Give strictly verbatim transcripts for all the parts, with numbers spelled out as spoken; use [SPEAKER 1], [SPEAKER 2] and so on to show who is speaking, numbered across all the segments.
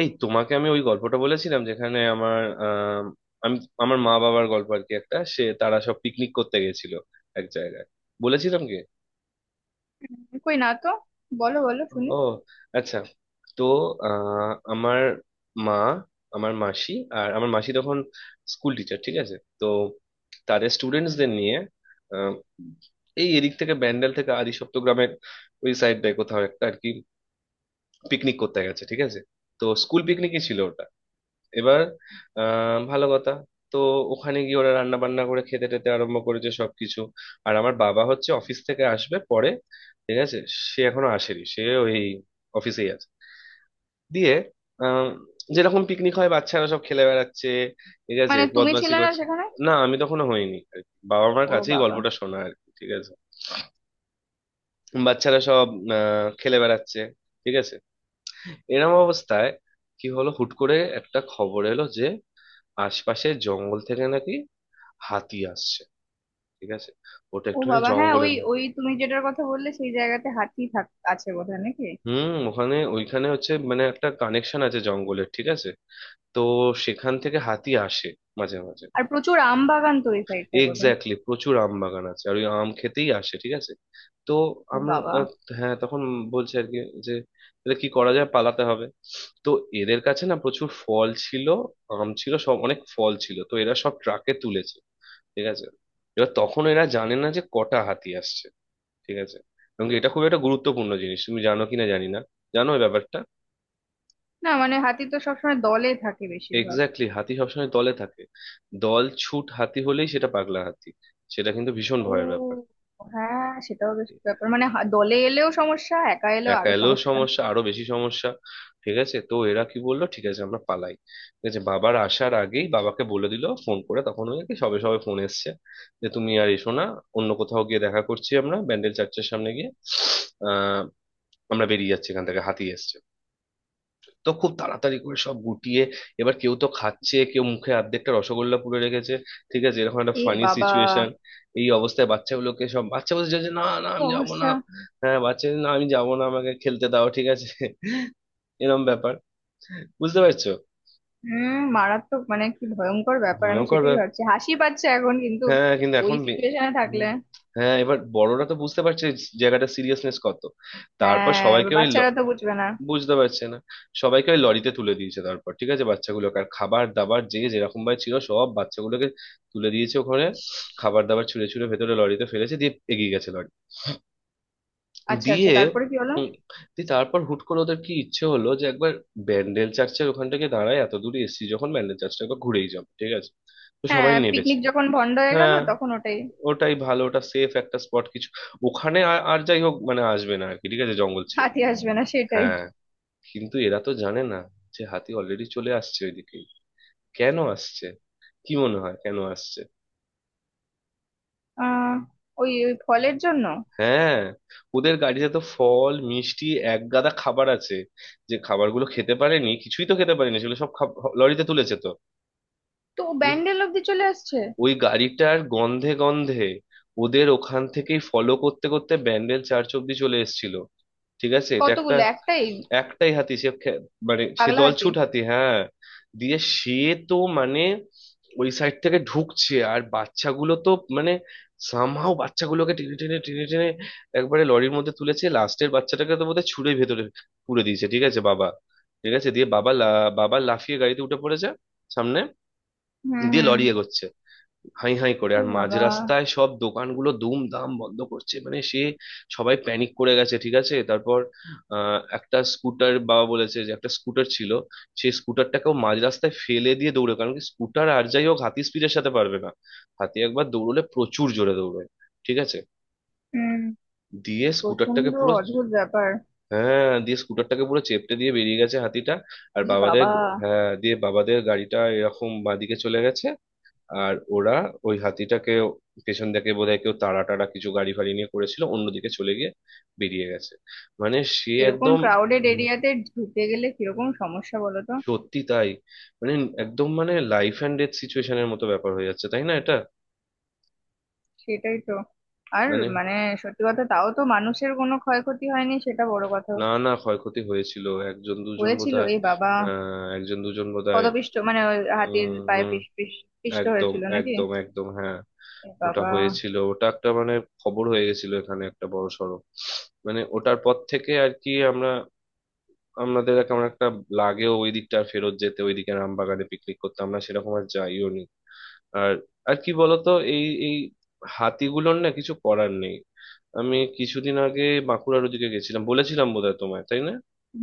[SPEAKER 1] এই তোমাকে আমি ওই গল্পটা বলেছিলাম, যেখানে আমার আহ আমি আমার মা বাবার গল্প আর কি, একটা সে তারা সব পিকনিক করতে গেছিল এক জায়গায়। বলেছিলাম কি?
[SPEAKER 2] কই না তো। বলো বলো শুনি।
[SPEAKER 1] ও, আচ্ছা। তো আহ আমার মা, আমার মাসি, আর আমার মাসি তখন স্কুল টিচার, ঠিক আছে। তো তাদের স্টুডেন্টসদের নিয়ে আহ, এই এদিক থেকে ব্যান্ডেল থেকে আদিসপ্ত গ্রামের ওই সাইডটায় কোথাও একটা আর কি, পিকনিক করতে গেছে, ঠিক আছে। তো স্কুল পিকনিকই ছিল ওটা। এবার আহ ভালো কথা, তো ওখানে গিয়ে ওরা রান্না বান্না করে খেতে টেতে আরম্ভ করেছে সবকিছু। আর আমার বাবা হচ্ছে অফিস থেকে আসবে পরে, ঠিক আছে। সে এখনো আসেনি, সে ওই অফিসেই আছে। দিয়ে আহ যেরকম পিকনিক হয় বাচ্চারা সব খেলে বেড়াচ্ছে, ঠিক আছে,
[SPEAKER 2] মানে তুমি
[SPEAKER 1] বদমাশি
[SPEAKER 2] ছিলে না
[SPEAKER 1] করছে।
[SPEAKER 2] সেখানে?
[SPEAKER 1] না, আমি তখনো হইনি আর কি। বাবা মার
[SPEAKER 2] ও
[SPEAKER 1] কাছেই
[SPEAKER 2] বাবা।
[SPEAKER 1] গল্পটা শোনা আর কি, ঠিক আছে। বাচ্চারা সব আহ খেলে বেড়াচ্ছে, ঠিক আছে। এরম অবস্থায় কি হলো, হুট করে একটা খবর এলো যে আশপাশের জঙ্গল থেকে নাকি হাতি আসছে, ঠিক আছে। ওটা
[SPEAKER 2] ও
[SPEAKER 1] একটুখানি
[SPEAKER 2] বাবা, হ্যাঁ ওই
[SPEAKER 1] জঙ্গলের।
[SPEAKER 2] ওই তুমি যেটার কথা বললে সেই জায়গাতে হাতি থাক আছে বোধহয় নাকি?
[SPEAKER 1] হুম, ওখানে ওইখানে হচ্ছে মানে একটা কানেকশন আছে জঙ্গলের, ঠিক আছে। তো সেখান থেকে হাতি আসে মাঝে মাঝে।
[SPEAKER 2] আর প্রচুর আম বাগান তো ওই সাইডটায় বোধহয়।
[SPEAKER 1] এক্স্যাক্টলি, প্রচুর আম বাগান আছে, আর ওই আম খেতেই আসে, ঠিক আছে। তো
[SPEAKER 2] ও
[SPEAKER 1] আমরা
[SPEAKER 2] বাবা।
[SPEAKER 1] আহ, হ্যাঁ, তখন বলছে আর কি যে তাহলে কি করা যায়, পালাতে হবে। তো এদের কাছে না প্রচুর ফল ছিল, আম ছিল, সব অনেক ফল ছিল, তো এরা সব ট্রাকে তুলেছে, ঠিক আছে। এবার তখন এরা জানে না যে কটা হাতি আসছে, ঠিক আছে। এবং কি এটা খুব একটা গুরুত্বপূর্ণ জিনিস, তুমি জানো কিনা জানি না, জানো এই ব্যাপারটা?
[SPEAKER 2] না মানে হাতি তো সবসময় দলে থাকে বেশিরভাগ।
[SPEAKER 1] এক্স্যাক্টলি, হাতি সবসময় দলে থাকে। দল ছুট হাতি হলেই সেটা পাগলা হাতি, সেটা কিন্তু ভীষণ
[SPEAKER 2] ও,
[SPEAKER 1] ভয়ের ব্যাপার।
[SPEAKER 2] হ্যাঁ সেটাও বেশ ব্যাপার। মানে হা- দলে এলেও সমস্যা, একা এলেও
[SPEAKER 1] একা
[SPEAKER 2] আরো
[SPEAKER 1] এলেও
[SPEAKER 2] সমস্যা।
[SPEAKER 1] সমস্যা, আরো বেশি সমস্যা, ঠিক আছে। তো এরা কি বললো, ঠিক আছে আমরা পালাই। ঠিক আছে, বাবার আসার আগেই বাবাকে বলে দিল, ফোন করে তখন ওই আর কি সবে সবে ফোন এসছে যে তুমি আর এসো না, অন্য কোথাও গিয়ে দেখা করছি আমরা ব্যান্ডেল চার্চের সামনে গিয়ে। আহ আমরা বেরিয়ে যাচ্ছি এখান থেকে, হাতি এসছে। তো খুব তাড়াতাড়ি করে সব গুটিয়ে, এবার কেউ তো খাচ্ছে, কেউ মুখে অর্ধেকটা রসগোল্লা পুরে রেখেছে, ঠিক আছে, এরকম একটা
[SPEAKER 2] এ
[SPEAKER 1] ফানি
[SPEAKER 2] বাবা।
[SPEAKER 1] সিচুয়েশন। এই অবস্থায় বাচ্চাগুলোকে সব বাচ্চা বলছে যে, না না
[SPEAKER 2] কি
[SPEAKER 1] আমি যাবো না।
[SPEAKER 2] অবস্থা।
[SPEAKER 1] হ্যাঁ, বাচ্চা বলছে, না আমি যাবো না, আমাকে খেলতে দাও, ঠিক আছে, এরম ব্যাপার, বুঝতে পারছো?
[SPEAKER 2] হুম, মারাত্মক। মানে কি ভয়ঙ্কর ব্যাপার, আমি
[SPEAKER 1] ভয়ঙ্কর
[SPEAKER 2] সেটাই
[SPEAKER 1] ব্যাপার,
[SPEAKER 2] ভাবছি। হাসি পাচ্ছে এখন কিন্তু,
[SPEAKER 1] হ্যাঁ। কিন্তু
[SPEAKER 2] ওই
[SPEAKER 1] এখন বে-
[SPEAKER 2] সিচুয়েশনে থাকলে।
[SPEAKER 1] হুম। হ্যাঁ, এবার বড়রা তো বুঝতে পারছে জায়গাটা সিরিয়াসনেস কত। তারপর
[SPEAKER 2] হ্যাঁ এবার
[SPEAKER 1] সবাইকে ওই,
[SPEAKER 2] বাচ্চারা তো বুঝবে না।
[SPEAKER 1] বুঝতে পারছে না, সবাইকে ওই লরিতে তুলে দিয়েছে তারপর, ঠিক আছে, বাচ্চাগুলোকে আর খাবার দাবার যে যেরকম ভাবে ছিল সব বাচ্চাগুলোকে তুলে দিয়েছে ওখানে।
[SPEAKER 2] ইস।
[SPEAKER 1] খাবার দাবার ছুঁড়ে ছুঁড়ে ভেতরে লরিতে ফেলেছে, দিয়ে এগিয়ে গেছে লরি।
[SPEAKER 2] আচ্ছা আচ্ছা,
[SPEAKER 1] দিয়ে,
[SPEAKER 2] তারপরে কি হলো?
[SPEAKER 1] হুম, দিয়ে তারপর হুট করে ওদের কি ইচ্ছে হলো যে একবার ব্যান্ডেল চার্চের ওখান থেকে দাঁড়ায়, এত দূরে এসেছি যখন ব্যান্ডেল চার্চটা একবার ঘুরেই যাবো, ঠিক আছে। তো সবাই
[SPEAKER 2] হ্যাঁ,
[SPEAKER 1] নেবেছে।
[SPEAKER 2] পিকনিক যখন বন্ধ হয়ে গেল
[SPEAKER 1] হ্যাঁ,
[SPEAKER 2] তখন ওটাই।
[SPEAKER 1] ওটাই ভালো, ওটা সেফ একটা স্পট কিছু ওখানে। আর আর যাই হোক মানে আসবে না আর কি, ঠিক আছে, জঙ্গল ছেড়ে।
[SPEAKER 2] হাতি আসবে না সেটাই।
[SPEAKER 1] হ্যাঁ, কিন্তু এরা তো জানে না যে হাতি অলরেডি চলে আসছে ওইদিকে। কেন আসছে? কি মনে হয় কেন আসছে?
[SPEAKER 2] আহ ওই ওই ফলের জন্য।
[SPEAKER 1] হ্যাঁ, ওদের গাড়িতে তো ফল, মিষ্টি, এক গাদা খাবার আছে। যে খাবারগুলো খেতে পারেনি, কিছুই তো খেতে পারেনি, সেগুলো সব খাব- লরিতে তুলেছে তো।
[SPEAKER 2] তো
[SPEAKER 1] বুঝ-
[SPEAKER 2] ব্যান্ডেল অব্দি চলে আসছে।
[SPEAKER 1] ওই গাড়িটার গন্ধে গন্ধে, ওদের ওখান থেকেই ফলো করতে করতে ব্যান্ডেল চার্চ অব্দি চলে এসেছিল, ঠিক আছে, এটা একটা।
[SPEAKER 2] কতগুলো, একটাই?
[SPEAKER 1] একটাই হাতি, সে খে- মানে সে
[SPEAKER 2] পাগলা হাতি।
[SPEAKER 1] দলছুট হাতি, হ্যাঁ। দিয়ে সে তো মানে ওই সাইড থেকে ঢুকছে, আর বাচ্চাগুলো তো মানে সামহাও বাচ্চাগুলোকে টেনে টেনে টেনে টেনে একবারে লরির মধ্যে তুলেছে, লাস্টের বাচ্চাটাকে তো বোধহয় ছুঁড়ে ভেতরে পুরে দিয়েছে, ঠিক আছে বাবা। ঠিক আছে, দিয়ে বাবা লা- বাবা লাফিয়ে গাড়িতে উঠে পড়েছে সামনে।
[SPEAKER 2] হুম
[SPEAKER 1] দিয়ে
[SPEAKER 2] হুম।
[SPEAKER 1] লরি এগোচ্ছে হাই হাই করে,
[SPEAKER 2] ও
[SPEAKER 1] আর মাঝ
[SPEAKER 2] বাবা।
[SPEAKER 1] রাস্তায় সব দোকানগুলো দুমদাম বন্ধ করছে মানে সে, সবাই প্যানিক করে গেছে, ঠিক আছে, তারপর। আহ, একটা স্কুটার বাবা বলেছে যে একটা স্কুটার ছিল, সেই স্কুটারটাকেও মাঝ রাস্তায় ফেলে দিয়ে দৌড়ে, কারণ কি স্কুটার আর যাই হোক হাতি স্পিডের সাথে পারবে না। হাতি একবার দৌড়লে প্রচুর জোরে দৌড়বে, ঠিক আছে।
[SPEAKER 2] হুম।
[SPEAKER 1] দিয়ে স্কুটারটাকে
[SPEAKER 2] প্রচন্ড।
[SPEAKER 1] পুরো,
[SPEAKER 2] অদ্ভুত ব্যাপার।
[SPEAKER 1] হ্যাঁ, দিয়ে স্কুটারটাকে পুরো চেপটে দিয়ে বেরিয়ে গেছে হাতিটা। আর
[SPEAKER 2] ই
[SPEAKER 1] বাবাদের,
[SPEAKER 2] বাবা।
[SPEAKER 1] হ্যাঁ, দিয়ে বাবাদের গাড়িটা এরকম বাঁদিকে চলে গেছে। আর ওরা ওই হাতিটাকে পেছন থেকে বোধহয় কেউ তাড়া টাড়া কিছু গাড়ি ফাড়ি নিয়ে করেছিল, অন্যদিকে চলে গিয়ে বেরিয়ে গেছে মানে সে
[SPEAKER 2] এরকম
[SPEAKER 1] একদম।
[SPEAKER 2] ক্রাউডেড
[SPEAKER 1] উম,
[SPEAKER 2] এরিয়াতে ঢুকে গেলে কিরকম সমস্যা বলো তো।
[SPEAKER 1] সত্যি তাই মানে, একদম মানে লাইফ অ্যান্ড ডেথ সিচুয়েশনের মতো ব্যাপার হয়ে যাচ্ছে, তাই না এটা
[SPEAKER 2] সেটাই তো। আর
[SPEAKER 1] মানে।
[SPEAKER 2] মানে, সত্যি কথা, তাও তো মানুষের কোনো ক্ষয়ক্ষতি হয়নি সেটা বড় কথা।
[SPEAKER 1] না না, ক্ষয়ক্ষতি হয়েছিল একজন দুজন
[SPEAKER 2] হয়েছিল?
[SPEAKER 1] বোধহয়।
[SPEAKER 2] এ বাবা।
[SPEAKER 1] আহ একজন দুজন বোধহয়।
[SPEAKER 2] পদপিষ্ট? মানে ওই হাতির
[SPEAKER 1] উম
[SPEAKER 2] পায়ে
[SPEAKER 1] হম।
[SPEAKER 2] পিষ পিষ পিষ্ট
[SPEAKER 1] একদম,
[SPEAKER 2] হয়েছিল নাকি?
[SPEAKER 1] একদম, একদম হ্যাঁ।
[SPEAKER 2] এ
[SPEAKER 1] ওটা
[SPEAKER 2] বাবা।
[SPEAKER 1] হয়েছিল, ওটা একটা মানে খবর হয়ে গেছিল এখানে একটা বড় সড়ো। মানে ওটার পর থেকে আর কি আমরা, আমাদের কেমন একটা লাগেও ওই দিকটা, আর ফেরত যেতে ওইদিকে রামবাগানে পিকনিক করতে আমরা সেরকম আর যাইও নি। আর, আর কি বলতো, এই এই হাতিগুলোর না কিছু করার নেই। আমি কিছুদিন আগে বাঁকুড়ার ওদিকে গেছিলাম, বলেছিলাম বোধহয় তোমায়, তাই না?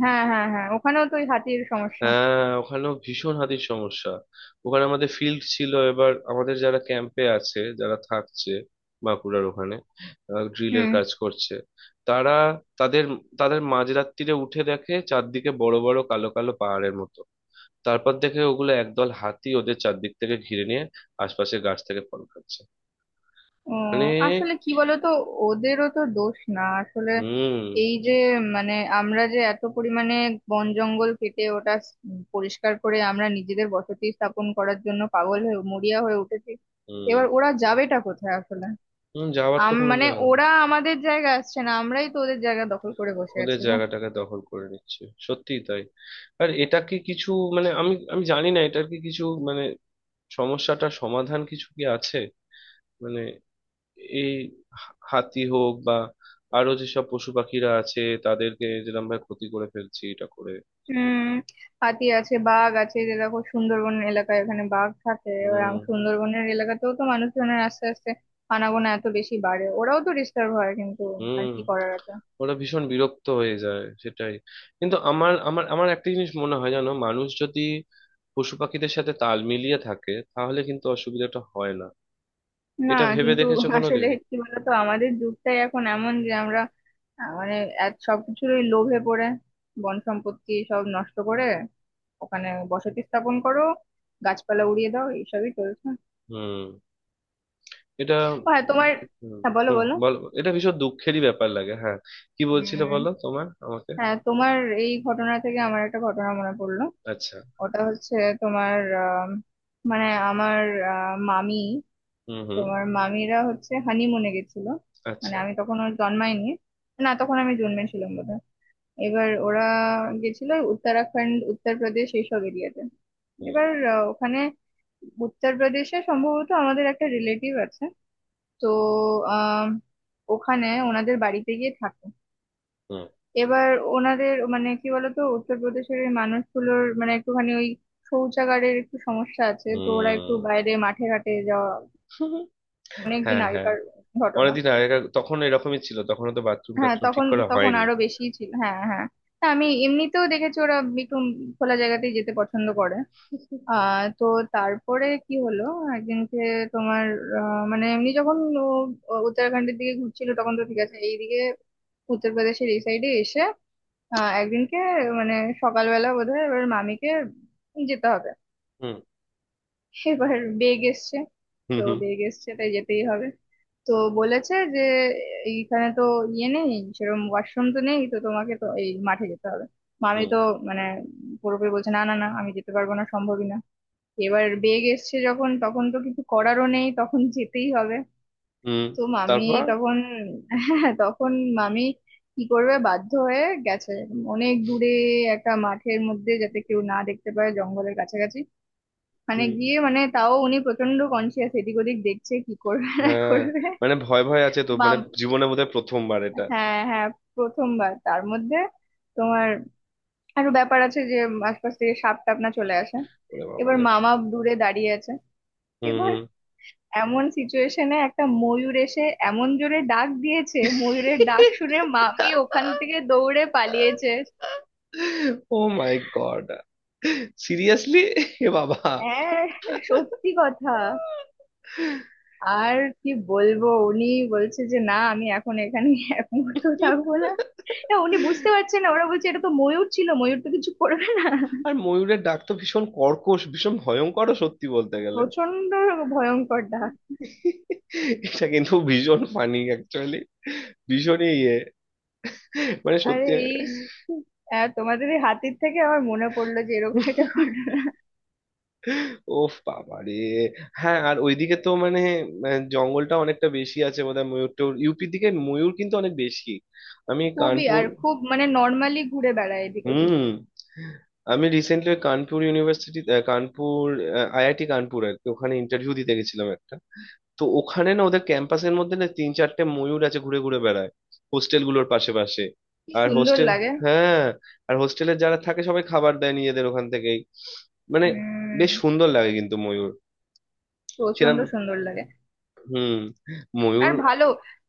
[SPEAKER 2] হ্যাঁ হ্যাঁ হ্যাঁ, ওখানেও তো ওই হাতির সমস্যা।
[SPEAKER 1] হ্যাঁ, ওখানেও ভীষণ হাতির সমস্যা। ওখানে আমাদের ফিল্ড ছিল, এবার আমাদের যারা ক্যাম্পে আছে, যারা থাকছে বাঁকুড়ার ওখানে ড্রিলের
[SPEAKER 2] হুম।
[SPEAKER 1] কাজ করছে, তারা, তাদের তাদের মাঝরাত্তিরে উঠে দেখে চারদিকে বড় বড় কালো কালো পাহাড়ের মতো। তারপর দেখে ওগুলো একদল হাতি ওদের চারদিক থেকে ঘিরে নিয়ে আশপাশের গাছ থেকে ফল খাচ্ছে
[SPEAKER 2] উম,
[SPEAKER 1] মানে।
[SPEAKER 2] আসলে কি বলতো, ওদেরও তো দোষ না আসলে।
[SPEAKER 1] হুম।
[SPEAKER 2] এই যে মানে, আমরা যে এত পরিমাণে বন জঙ্গল কেটে ওটা স- উম, পরিষ্কার করে আমরা নিজেদের বসতি স্থাপন করার জন্য পাগল হয়ে মরিয়া হয়ে উঠেছি।
[SPEAKER 1] হুম।
[SPEAKER 2] এবার ওরা যাবেটা কোথায় আসলে?
[SPEAKER 1] হুম, যাওয়ার তো
[SPEAKER 2] আম
[SPEAKER 1] কোনো
[SPEAKER 2] মানে
[SPEAKER 1] জায়গা নেই।
[SPEAKER 2] ওরা আমাদের জায়গা আসছে না, আমরাই তো ওদের জায়গা দখল করে বসে
[SPEAKER 1] ওদের
[SPEAKER 2] আছি গো।
[SPEAKER 1] জায়গাটাকে দখল করে নিচ্ছে, সত্যিই তাই। আর এটা কি কিছু মানে, আমি আমি জানি না এটার কি কিছু মানে, সমস্যাটার সমাধান কিছু কি আছে মানে, এই হা- হাতি হোক বা আরো যেসব পশু পাখিরা আছে, তাদেরকে যেরকম ভাবে ক্ষতি করে ফেলছি এটা করে।
[SPEAKER 2] হুম। হাতি আছে, বাঘ আছে। যে দেখো সুন্দরবন এলাকায় এখানে বাঘ থাকে, এবার
[SPEAKER 1] হুম।
[SPEAKER 2] আম- সুন্দরবনের এলাকাতেও তো মানুষজনের আস্তে আস্তে আনাগোনা এত বেশি বাড়ে, ওরাও তো ডিস্টার্ব হয় কিন্তু। আর
[SPEAKER 1] হুম।
[SPEAKER 2] কি করার আছে।
[SPEAKER 1] ওরা ভীষণ বিরক্ত হয়ে যায়, সেটাই। কিন্তু আমার আমার আমার একটা জিনিস মনে হয়, জানো, মানুষ যদি পশু পাখিদের সাথে তাল মিলিয়ে থাকে তাহলে কিন্তু অসুবিধাটা হয় না।
[SPEAKER 2] না
[SPEAKER 1] এটা ভেবে
[SPEAKER 2] কিন্তু
[SPEAKER 1] দেখেছো
[SPEAKER 2] আসলে
[SPEAKER 1] কোনোদিন?
[SPEAKER 2] কি বলতো, আমাদের যুগটাই এখন এমন যে আমরা আহ, মানে এক সবকিছুরই লোভে পড়ে বন সম্পত্তি সব নষ্ট করে ওখানে বসতি স্থাপন করো, গাছপালা উড়িয়ে দাও, এইসবই চলছে।
[SPEAKER 1] হুম, এটা,
[SPEAKER 2] ও হ্যাঁ
[SPEAKER 1] হুম।
[SPEAKER 2] তোমার। হ্যাঁ বলো
[SPEAKER 1] হুম,
[SPEAKER 2] বলো।
[SPEAKER 1] বলো, এটা ভীষণ দুঃখেরই ব্যাপার লাগে, হ্যাঁ। কি বলছিলে
[SPEAKER 2] উম
[SPEAKER 1] বলো তোমার আমাকে?
[SPEAKER 2] হ্যাঁ তোমার এই ঘটনা থেকে আমার একটা ঘটনা মনে পড়লো।
[SPEAKER 1] আচ্ছা।
[SPEAKER 2] ওটা হচ্ছে তোমার, আম, মানে আমার, আহ, মামি,
[SPEAKER 1] হুম, হুম।
[SPEAKER 2] তোমার মামিরা হচ্ছে হানিমুনে গেছিল। মানে
[SPEAKER 1] আচ্ছা।
[SPEAKER 2] আমি তখন ওর জন্মাইনি। না তখন আমি জন্মেছিলাম বোধহয়। এবার ওরা গেছিল উত্তরাখণ্ড, উত্তরপ্রদেশ এইসব এরিয়াতে।
[SPEAKER 1] হুম,
[SPEAKER 2] এবার আহ, ওখানে উত্তরপ্রদেশে সম্ভবত আমাদের একটা রিলেটিভ আছে। তো আহ ওখানে ওনাদের বাড়িতে গিয়ে থাকে।
[SPEAKER 1] হুম,
[SPEAKER 2] এবার ওনাদের মানে কি বলতো, উত্তরপ্রদেশের এই মানুষগুলোর মানে একটুখানি ওই শৌচাগারের একটু সমস্যা আছে, তো ওরা একটু
[SPEAKER 1] হুম।
[SPEAKER 2] বাইরে মাঠে ঘাটে যাওয়া। অনেকদিন
[SPEAKER 1] হ্যাঁ, হ্যাঁ,
[SPEAKER 2] আগেকার ঘটনা।
[SPEAKER 1] অনেকদিন আগে তখন এরকমই ছিল, তখন তো বাথরুম
[SPEAKER 2] হ্যাঁ
[SPEAKER 1] টাথরুম ঠিক
[SPEAKER 2] তখন
[SPEAKER 1] করা
[SPEAKER 2] তখন
[SPEAKER 1] হয়নি।
[SPEAKER 2] আরো বেশি ছিল, হ্যাঁ হ্যাঁ। হ্যাঁ, আমি এমনিতেও দেখেছি ওরা একটু খোলা জায়গাতেই যেতে পছন্দ করে। আহ তো তারপরে কি হলো, একদিনকে তোমার আহ, মানে এমনি যখন ও- ও উত্তরাখণ্ডের দিকে ঘুরছিল তখন তো ঠিক আছে, এইদিকে উত্তরপ্রদেশের এই সাইডে এসে আহ একদিনকে মানে সকালবেলা বোধহয় এবার মামিকে যেতে হবে।
[SPEAKER 1] হুম,
[SPEAKER 2] এবার বেগ এসছে।
[SPEAKER 1] হুম,
[SPEAKER 2] তো
[SPEAKER 1] হুম।
[SPEAKER 2] বেগ এসছে তাই যেতেই হবে। তো বলেছে যে এইখানে তো ইয়ে নেই, সেরকম ওয়াশরুম তো নেই, তো তোমাকে তো এই মাঠে যেতে হবে। মামি
[SPEAKER 1] হুম।
[SPEAKER 2] তো মানে পুরোপুরি বলছে, না না না আমি যেতে পারবো না, সম্ভবই না। এবার বেগ এসছে যখন তখন তো কিছু করারও নেই, তখন যেতেই হবে।
[SPEAKER 1] হুম,
[SPEAKER 2] তো মামি
[SPEAKER 1] তারপর।
[SPEAKER 2] তখন, হ্যাঁ তখন মামি কি করবে, বাধ্য হয়ে গেছে অনেক দূরে একটা মাঠের মধ্যে যাতে কেউ না দেখতে পায়, জঙ্গলের কাছাকাছি। মানে
[SPEAKER 1] হুম।
[SPEAKER 2] গিয়ে মানে তাও উনি প্রচন্ড কনসিয়াস, এদিক ওদিক দেখছে কি করবে না
[SPEAKER 1] হ্যাঁ,
[SPEAKER 2] করবে।
[SPEAKER 1] মানে ভয় ভয় আছে তো, মানে
[SPEAKER 2] মাম
[SPEAKER 1] জীবনে বোধহয় প্রথমবার এটা।
[SPEAKER 2] হ্যাঁ হ্যাঁ, প্রথমবার, তার মধ্যে তোমার আরো ব্যাপার আছে যে আশপাশ থেকে সাপ টাপ না চলে আসে।
[SPEAKER 1] ওরে বাবা
[SPEAKER 2] এবার
[SPEAKER 1] রে।
[SPEAKER 2] মামা দূরে দাঁড়িয়ে আছে।
[SPEAKER 1] হুম।
[SPEAKER 2] এবার
[SPEAKER 1] হুম।
[SPEAKER 2] এমন সিচুয়েশনে একটা ময়ূর এসে এমন জোরে ডাক দিয়েছে, ময়ূরের ডাক শুনে মামি ওখান থেকে দৌড়ে পালিয়েছে।
[SPEAKER 1] ও মাই গড, সিরিয়াসলি, এ বাবা।
[SPEAKER 2] হ্যাঁ, সত্যি কথা। আর কি বলবো, উনি বলছে যে না আমি এখন এখানে এক মুহূর্ত থাকবো না। না উনি বুঝতে পারছেন না, ওরা বলছে এটা তো ময়ূর ছিল, ময়ূর তো কিছু করবে না।
[SPEAKER 1] আর ময়ূরের ডাক তো ভীষণ কর্কশ, ভীষণ ভয়ঙ্করও সত্যি বলতে গেলে।
[SPEAKER 2] প্রচন্ড ভয়ঙ্কর ডাক।
[SPEAKER 1] এটা কিন্তু ভীষণ ফানি অ্যাকচুয়ালি, ভীষণই ইয়ে মানে,
[SPEAKER 2] আরে
[SPEAKER 1] সত্যি।
[SPEAKER 2] এই আহ, তোমাদের এই হাতির থেকে আমার মনে পড়লো যে এরকম একটা ঘটনা।
[SPEAKER 1] ওফ বাবা রে। হ্যাঁ, আর ওইদিকে তো মানে আহ, জঙ্গলটা অনেকটা বেশি আছে বোধহয়, ময়ূর টয়ূর ইউপির দিকে ময়ূর কিন্তু অনেক বেশি। আমি
[SPEAKER 2] খুবই,
[SPEAKER 1] কানপুর,
[SPEAKER 2] আর খুব মানে নর্মালি ঘুরে বেড়ায় এদিক ওদিক।
[SPEAKER 1] হুম। আমি recently Kanpur university, Kanpur IIT Kanpur আর কি, ওখানে ইন্টারভিউ দিতে গেছিলাম একটা। তো ওখানে না ওদের ক্যাম্পাসের মধ্যে না তিন চারটে ময়ূর আছে ঘুরে ঘুরে বেড়ায়, হোস্টেল গুলোর পাশে পাশে।
[SPEAKER 2] কি
[SPEAKER 1] আর
[SPEAKER 2] সুন্দর
[SPEAKER 1] হোস্টেল,
[SPEAKER 2] লাগে।
[SPEAKER 1] হ্যাঁ, আর হোস্টেলে যারা থাকে সবাই খাবার দেয় নিজেদের ওখান থেকেই মানে, বেশ
[SPEAKER 2] উম
[SPEAKER 1] সুন্দর লাগে কিন্তু ময়ূর,
[SPEAKER 2] প্রচন্ড
[SPEAKER 1] সেরকম,
[SPEAKER 2] সুন্দর লাগে।
[SPEAKER 1] হুম, ময়ূর।
[SPEAKER 2] আর ভালো,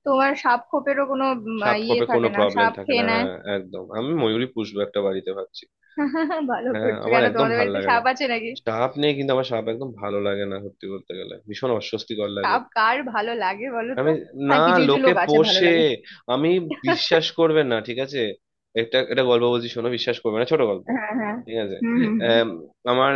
[SPEAKER 2] তোমার সাপ খোপেরও কোনো উম,
[SPEAKER 1] সাপ
[SPEAKER 2] ইয়ে
[SPEAKER 1] খপে কোনো
[SPEAKER 2] থাকে না,
[SPEAKER 1] প্রবলেম
[SPEAKER 2] সাপ
[SPEAKER 1] থাকে না,
[SPEAKER 2] খেয়ে নেয়।
[SPEAKER 1] হ্যাঁ, একদম। আমি ময়ূরই পুষবো একটা বাড়িতে ভাবছি।
[SPEAKER 2] ভালো
[SPEAKER 1] হ্যাঁ,
[SPEAKER 2] করছো।
[SPEAKER 1] আমার
[SPEAKER 2] কেন,
[SPEAKER 1] একদম
[SPEAKER 2] তোমাদের
[SPEAKER 1] ভাল
[SPEAKER 2] বাড়িতে
[SPEAKER 1] লাগে না
[SPEAKER 2] সাপ আছে নাকি?
[SPEAKER 1] সাপ নিয়ে, কিন্তু আমার সাপ একদম ভালো লাগে না সত্যি বলতে গেলে, ভীষণ অস্বস্তিকর লাগে।
[SPEAKER 2] সাপ কার ভালো লাগে বলো তো।
[SPEAKER 1] আমি। না,
[SPEAKER 2] হ্যাঁ কিছু কিছু
[SPEAKER 1] লোকে
[SPEAKER 2] লোক আছে ভালো
[SPEAKER 1] পোষে।
[SPEAKER 2] লাগে।
[SPEAKER 1] আমি, বিশ্বাস করবে না, ঠিক আছে, একটা একটা গল্প বলছি শোনো, বিশ্বাস করবে না, ছোট গল্প,
[SPEAKER 2] হ্যাঁ হ্যাঁ।
[SPEAKER 1] ঠিক আছে।
[SPEAKER 2] হুম।
[SPEAKER 1] আম, আমার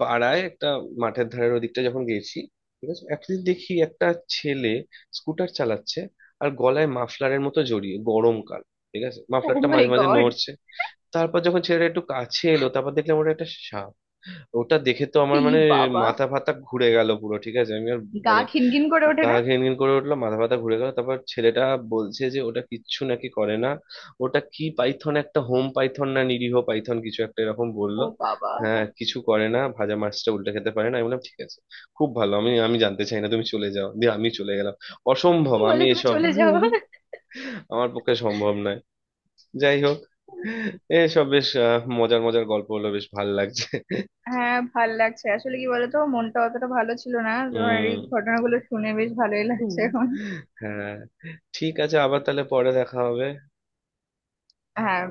[SPEAKER 1] পাড়ায় একটা মাঠের ধারের ওদিকটা যখন গেছি, ঠিক আছে। একদিন দেখি একটা ছেলে স্কুটার চালাচ্ছে, আর গলায় মাফলারের মতো জড়িয়ে গরমকাল, ঠিক আছে,
[SPEAKER 2] ও
[SPEAKER 1] মাফলারটা
[SPEAKER 2] মাই
[SPEAKER 1] মাঝে মাঝে
[SPEAKER 2] গড।
[SPEAKER 1] নড়ছে। তারপর যখন ছেলেটা একটু কাছে এলো, তারপর দেখলাম ওটা একটা সাপ। ওটা দেখে তো আমার
[SPEAKER 2] ই
[SPEAKER 1] মানে
[SPEAKER 2] বাবা।
[SPEAKER 1] মাথা ফাতা ঘুরে গেল পুরো, ঠিক আছে, আমি আর
[SPEAKER 2] গা
[SPEAKER 1] মানে
[SPEAKER 2] খিনখিন করে ওঠে
[SPEAKER 1] গা
[SPEAKER 2] না?
[SPEAKER 1] ঘিন ঘিন করে উঠলো, মাথা ফাতা ঘুরে গেল। তারপর ছেলেটা বলছে যে ওটা কিচ্ছু নাকি করে না, ওটা কি পাইথন, একটা হোম পাইথন, না নিরীহ পাইথন কিছু একটা এরকম বললো।
[SPEAKER 2] ও বাবা।
[SPEAKER 1] হ্যাঁ, কিছু করে না, ভাজা মাছটা উল্টে খেতে পারে না। আমি বললাম ঠিক আছে, খুব ভালো, আমি আমি জানতে চাই না, তুমি চলে যাও। দিয়ে আমি চলে গেলাম। অসম্ভব,
[SPEAKER 2] বলে
[SPEAKER 1] আমি
[SPEAKER 2] তুমি
[SPEAKER 1] এসব,
[SPEAKER 2] চলে যাও।
[SPEAKER 1] আমার পক্ষে সম্ভব নয়। যাই হোক, এসব বেশ আহ, মজার মজার গল্প হলো, বেশ ভালো লাগছে।
[SPEAKER 2] হ্যাঁ ভাল লাগছে। আসলে কি বলতো, মনটা অতটা ভালো ছিল না, তোমার এই
[SPEAKER 1] উম
[SPEAKER 2] ঘটনাগুলো শুনে বেশ ভালোই
[SPEAKER 1] হুম।
[SPEAKER 2] লাগছে এখন।
[SPEAKER 1] হ্যাঁ, ঠিক আছে, আবার তাহলে পরে দেখা হবে।
[SPEAKER 2] হ্যাঁ।